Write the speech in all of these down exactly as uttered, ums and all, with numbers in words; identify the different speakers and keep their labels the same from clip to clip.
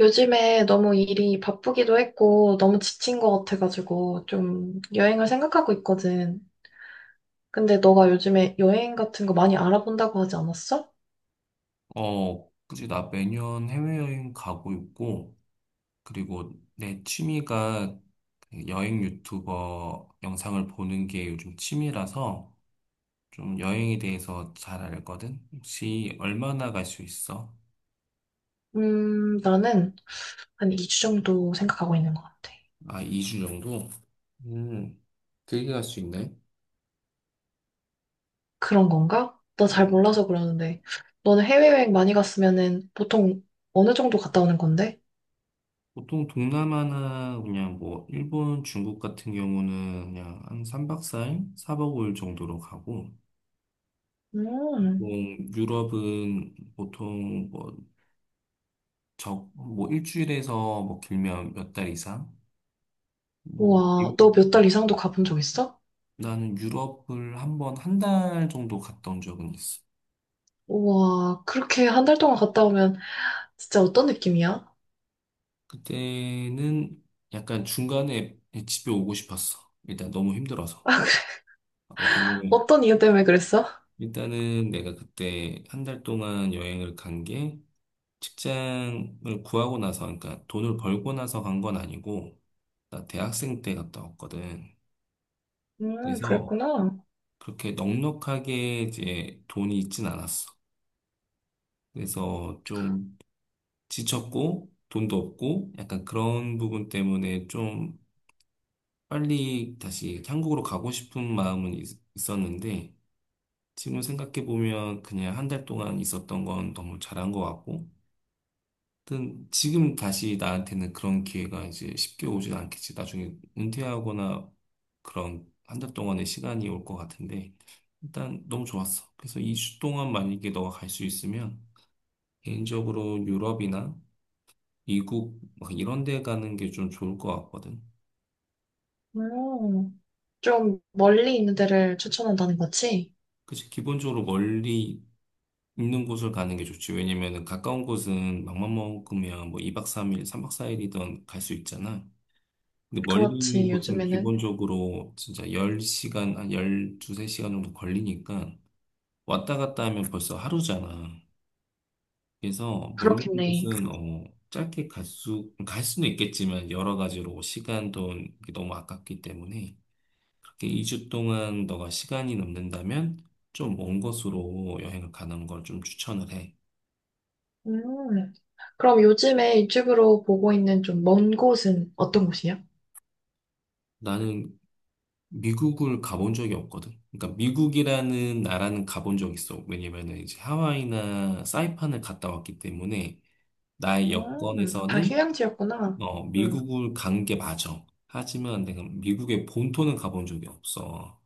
Speaker 1: 요즘에 너무 일이 바쁘기도 했고, 너무 지친 것 같아가지고, 좀 여행을 생각하고 있거든. 근데 너가 요즘에 여행 같은 거 많이 알아본다고 하지 않았어?
Speaker 2: 어, 그지 나 매년 해외여행 가고 있고, 그리고 내 취미가 그 여행 유튜버 영상을 보는 게 요즘 취미라서 좀 여행에 대해서 잘 알거든? 혹시 얼마나 갈 수 있어?
Speaker 1: 음, 나는 한 이 주 정도 생각하고 있는 것 같아.
Speaker 2: 아, 이 주 정도? 음, 길게 갈 수 있네.
Speaker 1: 그런 건가? 나 잘 몰라서 그러는데. 너는 해외여행 많이 갔으면은 보통 어느 정도 갔다 오는 건데?
Speaker 2: 보통 동남아나 그냥 뭐 일본, 중국 같은 경우는 그냥 한 삼 박 사 일, 사 박 오 일 정도로 가고,
Speaker 1: 음.
Speaker 2: 보통 유럽은 보통 뭐 적, 뭐 일주일에서 뭐 길면 몇 달 이상? 뭐
Speaker 1: 우와,
Speaker 2: 미국,
Speaker 1: 너 몇 달 이상도 가본 적 있어?
Speaker 2: 나는 유럽을 한번 한 달 정도 갔다 온 적은 있어.
Speaker 1: 우와, 그렇게 한 달 동안 갔다 오면 진짜 어떤 느낌이야?
Speaker 2: 그때는 약간 중간에 집에 오고 싶었어. 일단 너무 힘들어서. 어, 근데
Speaker 1: 어떤 이유 때문에 그랬어?
Speaker 2: 일단은 내가 그때 한 달 동안 여행을 간 게 직장을 구하고 나서, 그러니까 돈을 벌고 나서 간 건 아니고, 나 대학생 때 갔다 왔거든.
Speaker 1: 음,
Speaker 2: 그래서
Speaker 1: 그랬구나.
Speaker 2: 그렇게 넉넉하게 이제 돈이 있진 않았어. 그래서 좀 지쳤고 돈도 없고 약간 그런 부분 때문에 좀 빨리 다시 한국으로 가고 싶은 마음은 있- 있었는데 지금 생각해 보면 그냥 한 달 동안 있었던 건 너무 잘한 것 같고, 하여튼 지금 다시 나한테는 그런 기회가 이제 쉽게 오지 않겠지. 나중에 은퇴하거나 그런 한 달 동안의 시간이 올 것 같은데, 일단 너무 좋았어. 그래서 이 주 동안 만약에 너가 갈 수 있으면 개인적으로 유럽이나 미국 막 이런 데 가는 게 좀 좋을 것 같거든.
Speaker 1: 음, 좀 멀리 있는 데를 추천한다는 거지?
Speaker 2: 그치? 기본적으로 멀리 있는 곳을 가는 게 좋지. 왜냐면은 가까운 곳은 맘만 먹으면 뭐 이 박 삼 일, 삼 박 사 일이든 갈 수 있잖아. 근데 멀리 있는
Speaker 1: 그렇지,
Speaker 2: 곳은
Speaker 1: 요즘에는.
Speaker 2: 기본적으로 진짜 열 시간, 한 십이, 세 시간 정도 걸리니까 왔다 갔다 하면 벌써 하루잖아. 그래서 멀리 있는
Speaker 1: 그렇겠네.
Speaker 2: 곳은 어, 짧게 갈 수, 갈 수는 있겠지만 여러 가지로 시간, 돈 이게 너무 아깝기 때문에 그렇게 이 주 동안 너가 시간이 남는다면 좀 먼 곳으로 여행을 가는 걸 좀 추천을 해.
Speaker 1: 음, 그럼 요즘에 유튜브로 보고 있는 좀 먼 곳은 어떤 곳이야?
Speaker 2: 나는 미국을 가본 적이 없거든. 그러니까 미국이라는 나라는 가본 적 있어. 왜냐면은 이제 하와이나 사이판을 갔다 왔기 때문에 나의
Speaker 1: 음, 다
Speaker 2: 여권에서는
Speaker 1: 휴양지였구나.
Speaker 2: 어,
Speaker 1: 음.
Speaker 2: 미국을 간 게 맞아. 하지만 내가 미국의 본토는 가본 적이 없어.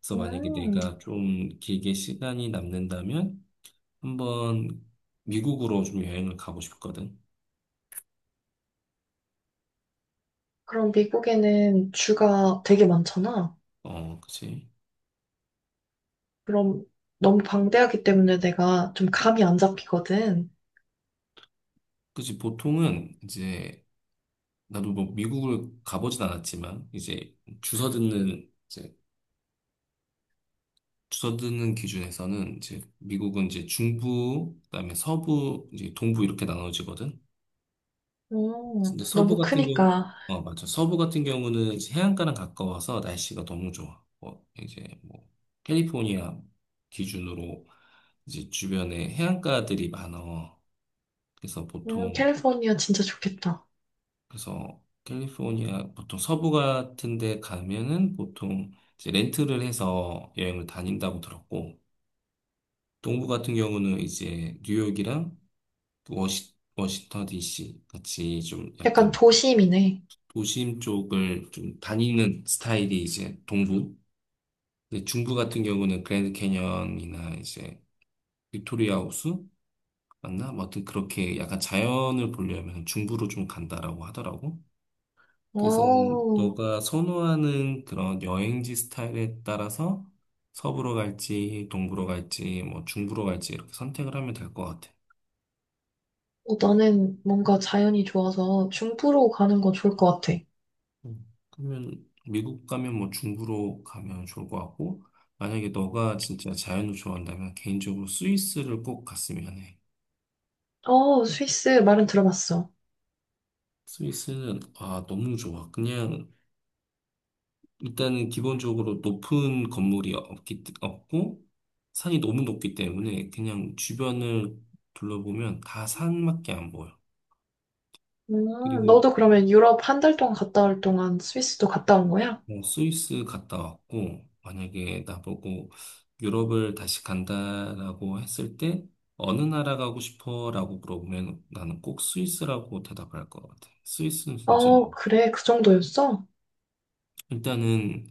Speaker 2: 그래서 만약에
Speaker 1: 음.
Speaker 2: 내가 좀 길게 시간이 남는다면 한번 미국으로 좀 여행을 가고 싶거든.
Speaker 1: 그럼 미국에는 주가 되게 많잖아.
Speaker 2: 어, 그치.
Speaker 1: 그럼 너무 방대하기 때문에 내가 좀 감이 안 잡히거든.
Speaker 2: 그치. 보통은 이제, 나도 뭐 미국을 가보진 않았지만, 이제 주서 듣는, 이제 주서 듣는 기준에서는 이제 미국은 이제 중부, 그다음에 서부, 이제 동부 이렇게 나눠지거든. 근데
Speaker 1: 음,
Speaker 2: 서부
Speaker 1: 너무
Speaker 2: 같은 경우,
Speaker 1: 크니까.
Speaker 2: 어, 맞아. 서부 같은 경우는 이제 해안가랑 가까워서 날씨가 너무 좋아. 뭐, 이제 뭐, 캘리포니아 기준으로 이제 주변에 해안가들이 많아. 그래서
Speaker 1: 음,
Speaker 2: 보통
Speaker 1: 캘리포니아 진짜 좋겠다.
Speaker 2: 그래서 캘리포니아 보통 서부 같은 데 가면은 보통 이제 렌트를 해서 여행을 다닌다고 들었고, 동부 같은 경우는 이제 뉴욕이랑 워시, 워싱턴 디씨 같이 좀
Speaker 1: 약간
Speaker 2: 약간
Speaker 1: 도심이네.
Speaker 2: 도심 쪽을 좀 다니는 스타일이 이제 동부. 근데 중부 같은 경우는 그랜드 캐니언이나 이제 빅토리아 호수 맞나? 뭐 하여튼 그렇게 약간 자연을 보려면 중부로 좀 간다라고 하더라고. 그래서
Speaker 1: 오.
Speaker 2: 너가 선호하는 그런 여행지 스타일에 따라서 서부로 갈지, 동부로 갈지, 뭐 중부로 갈지 이렇게 선택을 하면 될 것 같아.
Speaker 1: 어, 나는 뭔가 자연이 좋아서 중부로 가는 거 좋을 것 같아.
Speaker 2: 음. 그러면 미국 가면 뭐 중부로 가면 좋을 것 같고, 만약에 너가 진짜 자연을 좋아한다면 개인적으로 스위스를 꼭 갔으면 해.
Speaker 1: 어, 스위스 말은 들어봤어.
Speaker 2: 스위스는 아 너무 좋아. 그냥 일단은 기본적으로 높은 건물이 없기, 없고, 산이 너무 높기 때문에 그냥 주변을 둘러보면 다 산밖에 안 보여.
Speaker 1: 음,
Speaker 2: 그리고
Speaker 1: 너도 그러면 유럽 한 달 동안 갔다 올 동안 스위스도 갔다 온 거야?
Speaker 2: 뭐 스위스 갔다 왔고, 만약에 나보고 유럽을 다시 간다라고 했을 때, 어느 나라 가고 싶어? 라고 물어보면 나는 꼭 스위스라고 대답할 것 같아. 스위스는 진짜,
Speaker 1: 어, 그래, 그 정도였어?
Speaker 2: 일단은,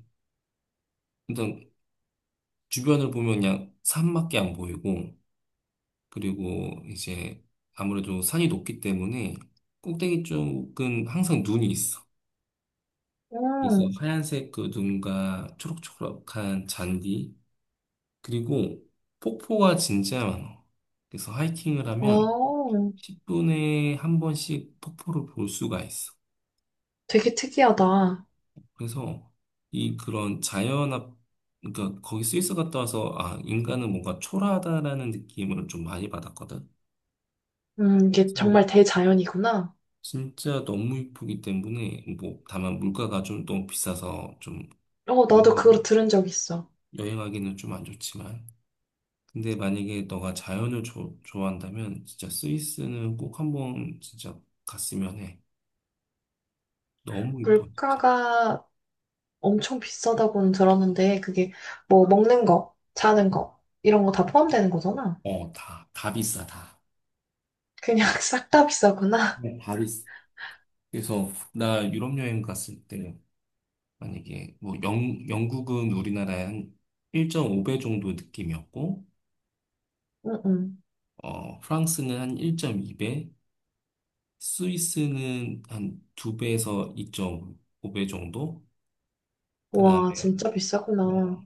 Speaker 2: 일단 주변을 보면 그냥 산밖에 안 보이고, 그리고 이제 아무래도 산이 높기 때문에 꼭대기 쪽은 항상 눈이 있어. 그래서
Speaker 1: 음.
Speaker 2: 하얀색 그 눈과 초록초록한 잔디, 그리고 폭포가 진짜 많아. 그래서 하이킹을 하면
Speaker 1: 어.
Speaker 2: 십 분에 한 번씩 폭포를 볼 수가 있어.
Speaker 1: 되게 특이하다.
Speaker 2: 그래서 이 그런 자연 앞, 그러니까 거기 스위스 갔다 와서 아, 인간은 뭔가 초라하다라는 느낌을 좀 많이 받았거든.
Speaker 1: 음, 이게 정말 대자연이구나.
Speaker 2: 진짜 너무 이쁘기 때문에 뭐 다만 물가가 좀 너무 비싸서 좀
Speaker 1: 어, 나도 그걸
Speaker 2: 여행하기-
Speaker 1: 들은 적 있어.
Speaker 2: 여행하기는 좀 안 좋지만, 근데 만약에 너가 자연을 조- 좋아한다면 진짜 스위스는 꼭 한번 진짜 갔으면 해. 너무 이뻐 진짜.
Speaker 1: 물가가 엄청 비싸다고는 들었는데, 그게 뭐 먹는 거, 자는 거, 이런 거 다 포함되는 거잖아.
Speaker 2: 어, 다, 다 비싸 다.
Speaker 1: 그냥 싹 다 비싸구나.
Speaker 2: 네, 다 비싸. 그래서 나 유럽 여행 갔을 때 만약에 뭐 영, 영국은 우리나라의 한 일 점 오 배 정도 느낌이었고,
Speaker 1: 응, 응.
Speaker 2: 어, 프랑스는 한 일 점 이 배, 스위스는 한 두 배에서 이 점 오 배 정도? 그 다음에,
Speaker 1: 와, 진짜 비싸구나.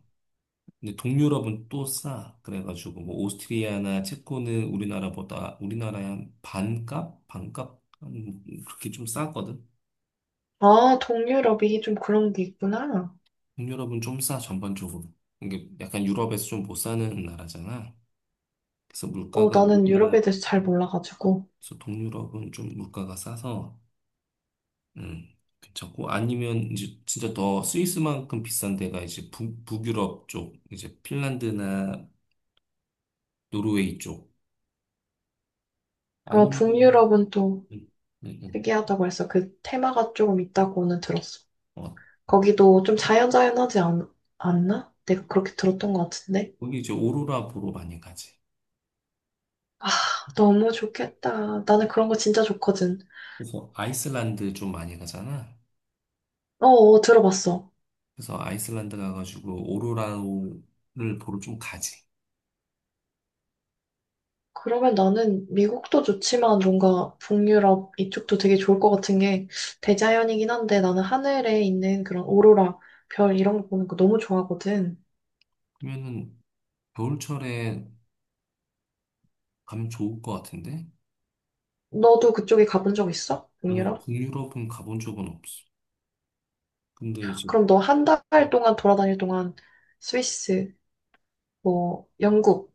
Speaker 2: 근데 동유럽은 또 싸. 그래가지고, 뭐, 오스트리아나 체코는 우리나라보다, 우리나라의 한 반값? 반값? 한 그렇게 좀 싸거든?
Speaker 1: 아, 동유럽이 좀 그런 게 있구나.
Speaker 2: 동유럽은 좀 싸, 전반적으로. 이게 약간 유럽에서 좀 못 사는 나라잖아. 그래서
Speaker 1: 어,
Speaker 2: 물가가
Speaker 1: 나는
Speaker 2: 우리나라,
Speaker 1: 유럽에 대해서 잘 몰라가지고.
Speaker 2: 그래서 동유럽은 좀 물가가 싸서, 음, 괜찮고 아니면 이제 진짜 더 스위스만큼 비싼 데가 이제 북, 북유럽 쪽 이제 핀란드나 노르웨이 쪽
Speaker 1: 어,
Speaker 2: 아니면
Speaker 1: 북유럽은 또
Speaker 2: 음, 음, 음.
Speaker 1: 특이하다고 해서 그 테마가 조금 있다고는 들었어.
Speaker 2: 어,
Speaker 1: 거기도 좀 자연자연하지 않, 않나? 내가 그렇게 들었던 것 같은데.
Speaker 2: 거기 이제 오로라 보러 많이 가지.
Speaker 1: 아, 너무 좋겠다. 나는 그런 거 진짜 좋거든.
Speaker 2: 그래서 아이슬란드 좀 많이 가잖아.
Speaker 1: 어, 어, 들어봤어.
Speaker 2: 그래서 아이슬란드 가가지고 오로라를 보러 좀 가지.
Speaker 1: 그러면 나는 미국도 좋지만 뭔가 북유럽 이쪽도 되게 좋을 것 같은 게 대자연이긴 한데 나는 하늘에 있는 그런 오로라, 별 이런 거 보는 거 너무 좋아하거든.
Speaker 2: 그러면은 겨울철에 가면 좋을 것 같은데,
Speaker 1: 너도 그쪽에 가본 적 있어?
Speaker 2: 나는
Speaker 1: 북유럽?
Speaker 2: 북유럽은 가본 적은 없어. 근데 이제
Speaker 1: 그럼 너 한 달 동안 돌아다닐 동안 스위스, 뭐 영국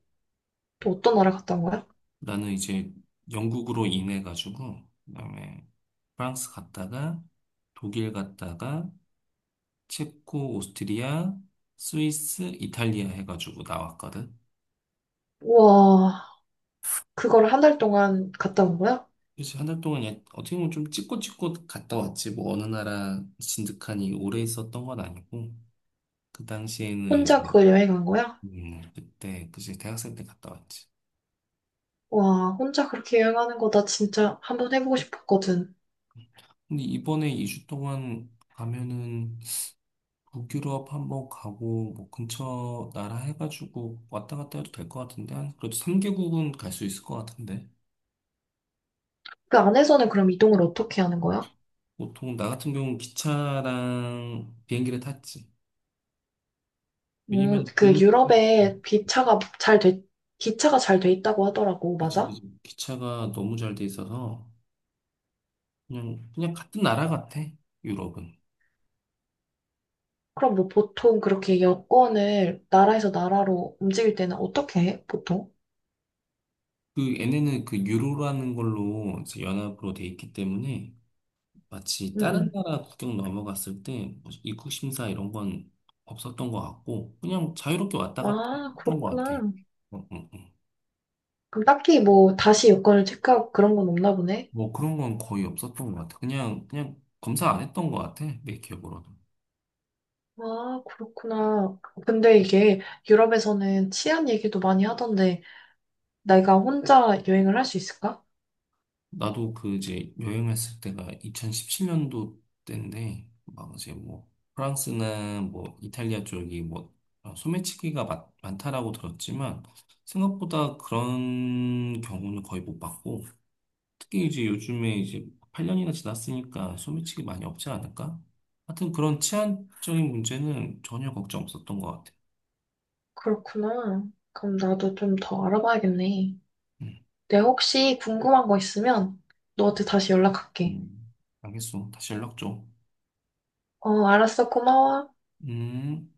Speaker 1: 또 어떤 나라 갔다 온 거야?
Speaker 2: 나는 이제 영국으로 인해 가지고 그다음에 프랑스 갔다가 독일 갔다가 체코, 오스트리아, 스위스, 이탈리아 해가지고 나왔거든.
Speaker 1: 우와, 그걸 한 달 동안 갔다 온 거야?
Speaker 2: 그래서 한 달 동안 그냥 어떻게 보면 좀 찍고찍고 갔다 왔지. 뭐 어느 나라 진득하니 오래 있었던 건 아니고 그 당시에는
Speaker 1: 혼자
Speaker 2: 이제
Speaker 1: 그걸 여행한 거야?
Speaker 2: 음, 그때 그치 대학생 때 갔다 왔지.
Speaker 1: 와, 혼자 그렇게 여행하는 거 나 진짜 한번 해보고 싶었거든.
Speaker 2: 근데 이번에 이 주 동안 가면은 북유럽 한번 가고 뭐 근처 나라 해가지고 왔다 갔다 해도 될 것 같은데, 한 그래도 삼 개국은 갈 수 있을 것 같은데,
Speaker 1: 그 안에서는 그럼 이동을 어떻게 하는 거야?
Speaker 2: 보통 나 같은 경우는 기차랑 비행기를 탔지.
Speaker 1: 음,
Speaker 2: 왜냐면
Speaker 1: 그
Speaker 2: 비행
Speaker 1: 유럽에 기차가 잘 돼, 기차가 잘 돼 있다고 하더라고.
Speaker 2: 그치
Speaker 1: 맞아?
Speaker 2: 그치 기차가 너무 잘 돼 있어서 그냥 그냥 같은 나라 같아 유럽은.
Speaker 1: 그럼 뭐 보통 그렇게 여권을 나라에서 나라로 움직일 때는 어떻게 해? 보통?
Speaker 2: 그 얘네는 그 유로라는 걸로 이제 연합으로 돼 있기 때문에 마치
Speaker 1: 응,
Speaker 2: 다른
Speaker 1: 응.
Speaker 2: 나라 국경 넘어갔을 때 입국 심사 이런 건 없었던 것 같고, 그냥 자유롭게 왔다 갔다
Speaker 1: 아,
Speaker 2: 했던 것 같아.
Speaker 1: 그렇구나.
Speaker 2: 어, 어, 어.
Speaker 1: 그럼 딱히 뭐 다시 여권을 체크하고 그런 건 없나 보네?
Speaker 2: 뭐 그런 건 거의 없었던 것 같아. 그냥 그냥 검사 안 했던 것 같아 내 기억으로도.
Speaker 1: 아, 그렇구나. 근데 이게 유럽에서는 치안 얘기도 많이 하던데 내가 혼자 여행을 할 수 있을까?
Speaker 2: 나도 그 이제 여행했을 때가 이천십칠 년도 때인데, 막 이제 뭐 프랑스나 뭐 이탈리아 쪽이 뭐 어, 소매치기가 많, 많다라고 들었지만 생각보다 그런 경우는 거의 못 봤고. 특히 이제 요즘에 이제 팔 년이나 지났으니까 소매치기 많이 없지 않을까? 하여튼 그런 치안적인 문제는 전혀 걱정 없었던 것 같아.
Speaker 1: 그렇구나. 그럼 나도 좀 더 알아봐야겠네.
Speaker 2: 음,
Speaker 1: 내가 혹시 궁금한 거 있으면 너한테 다시 연락할게.
Speaker 2: 음. 알겠어. 다시 연락 줘.
Speaker 1: 어, 알았어. 고마워.
Speaker 2: 음.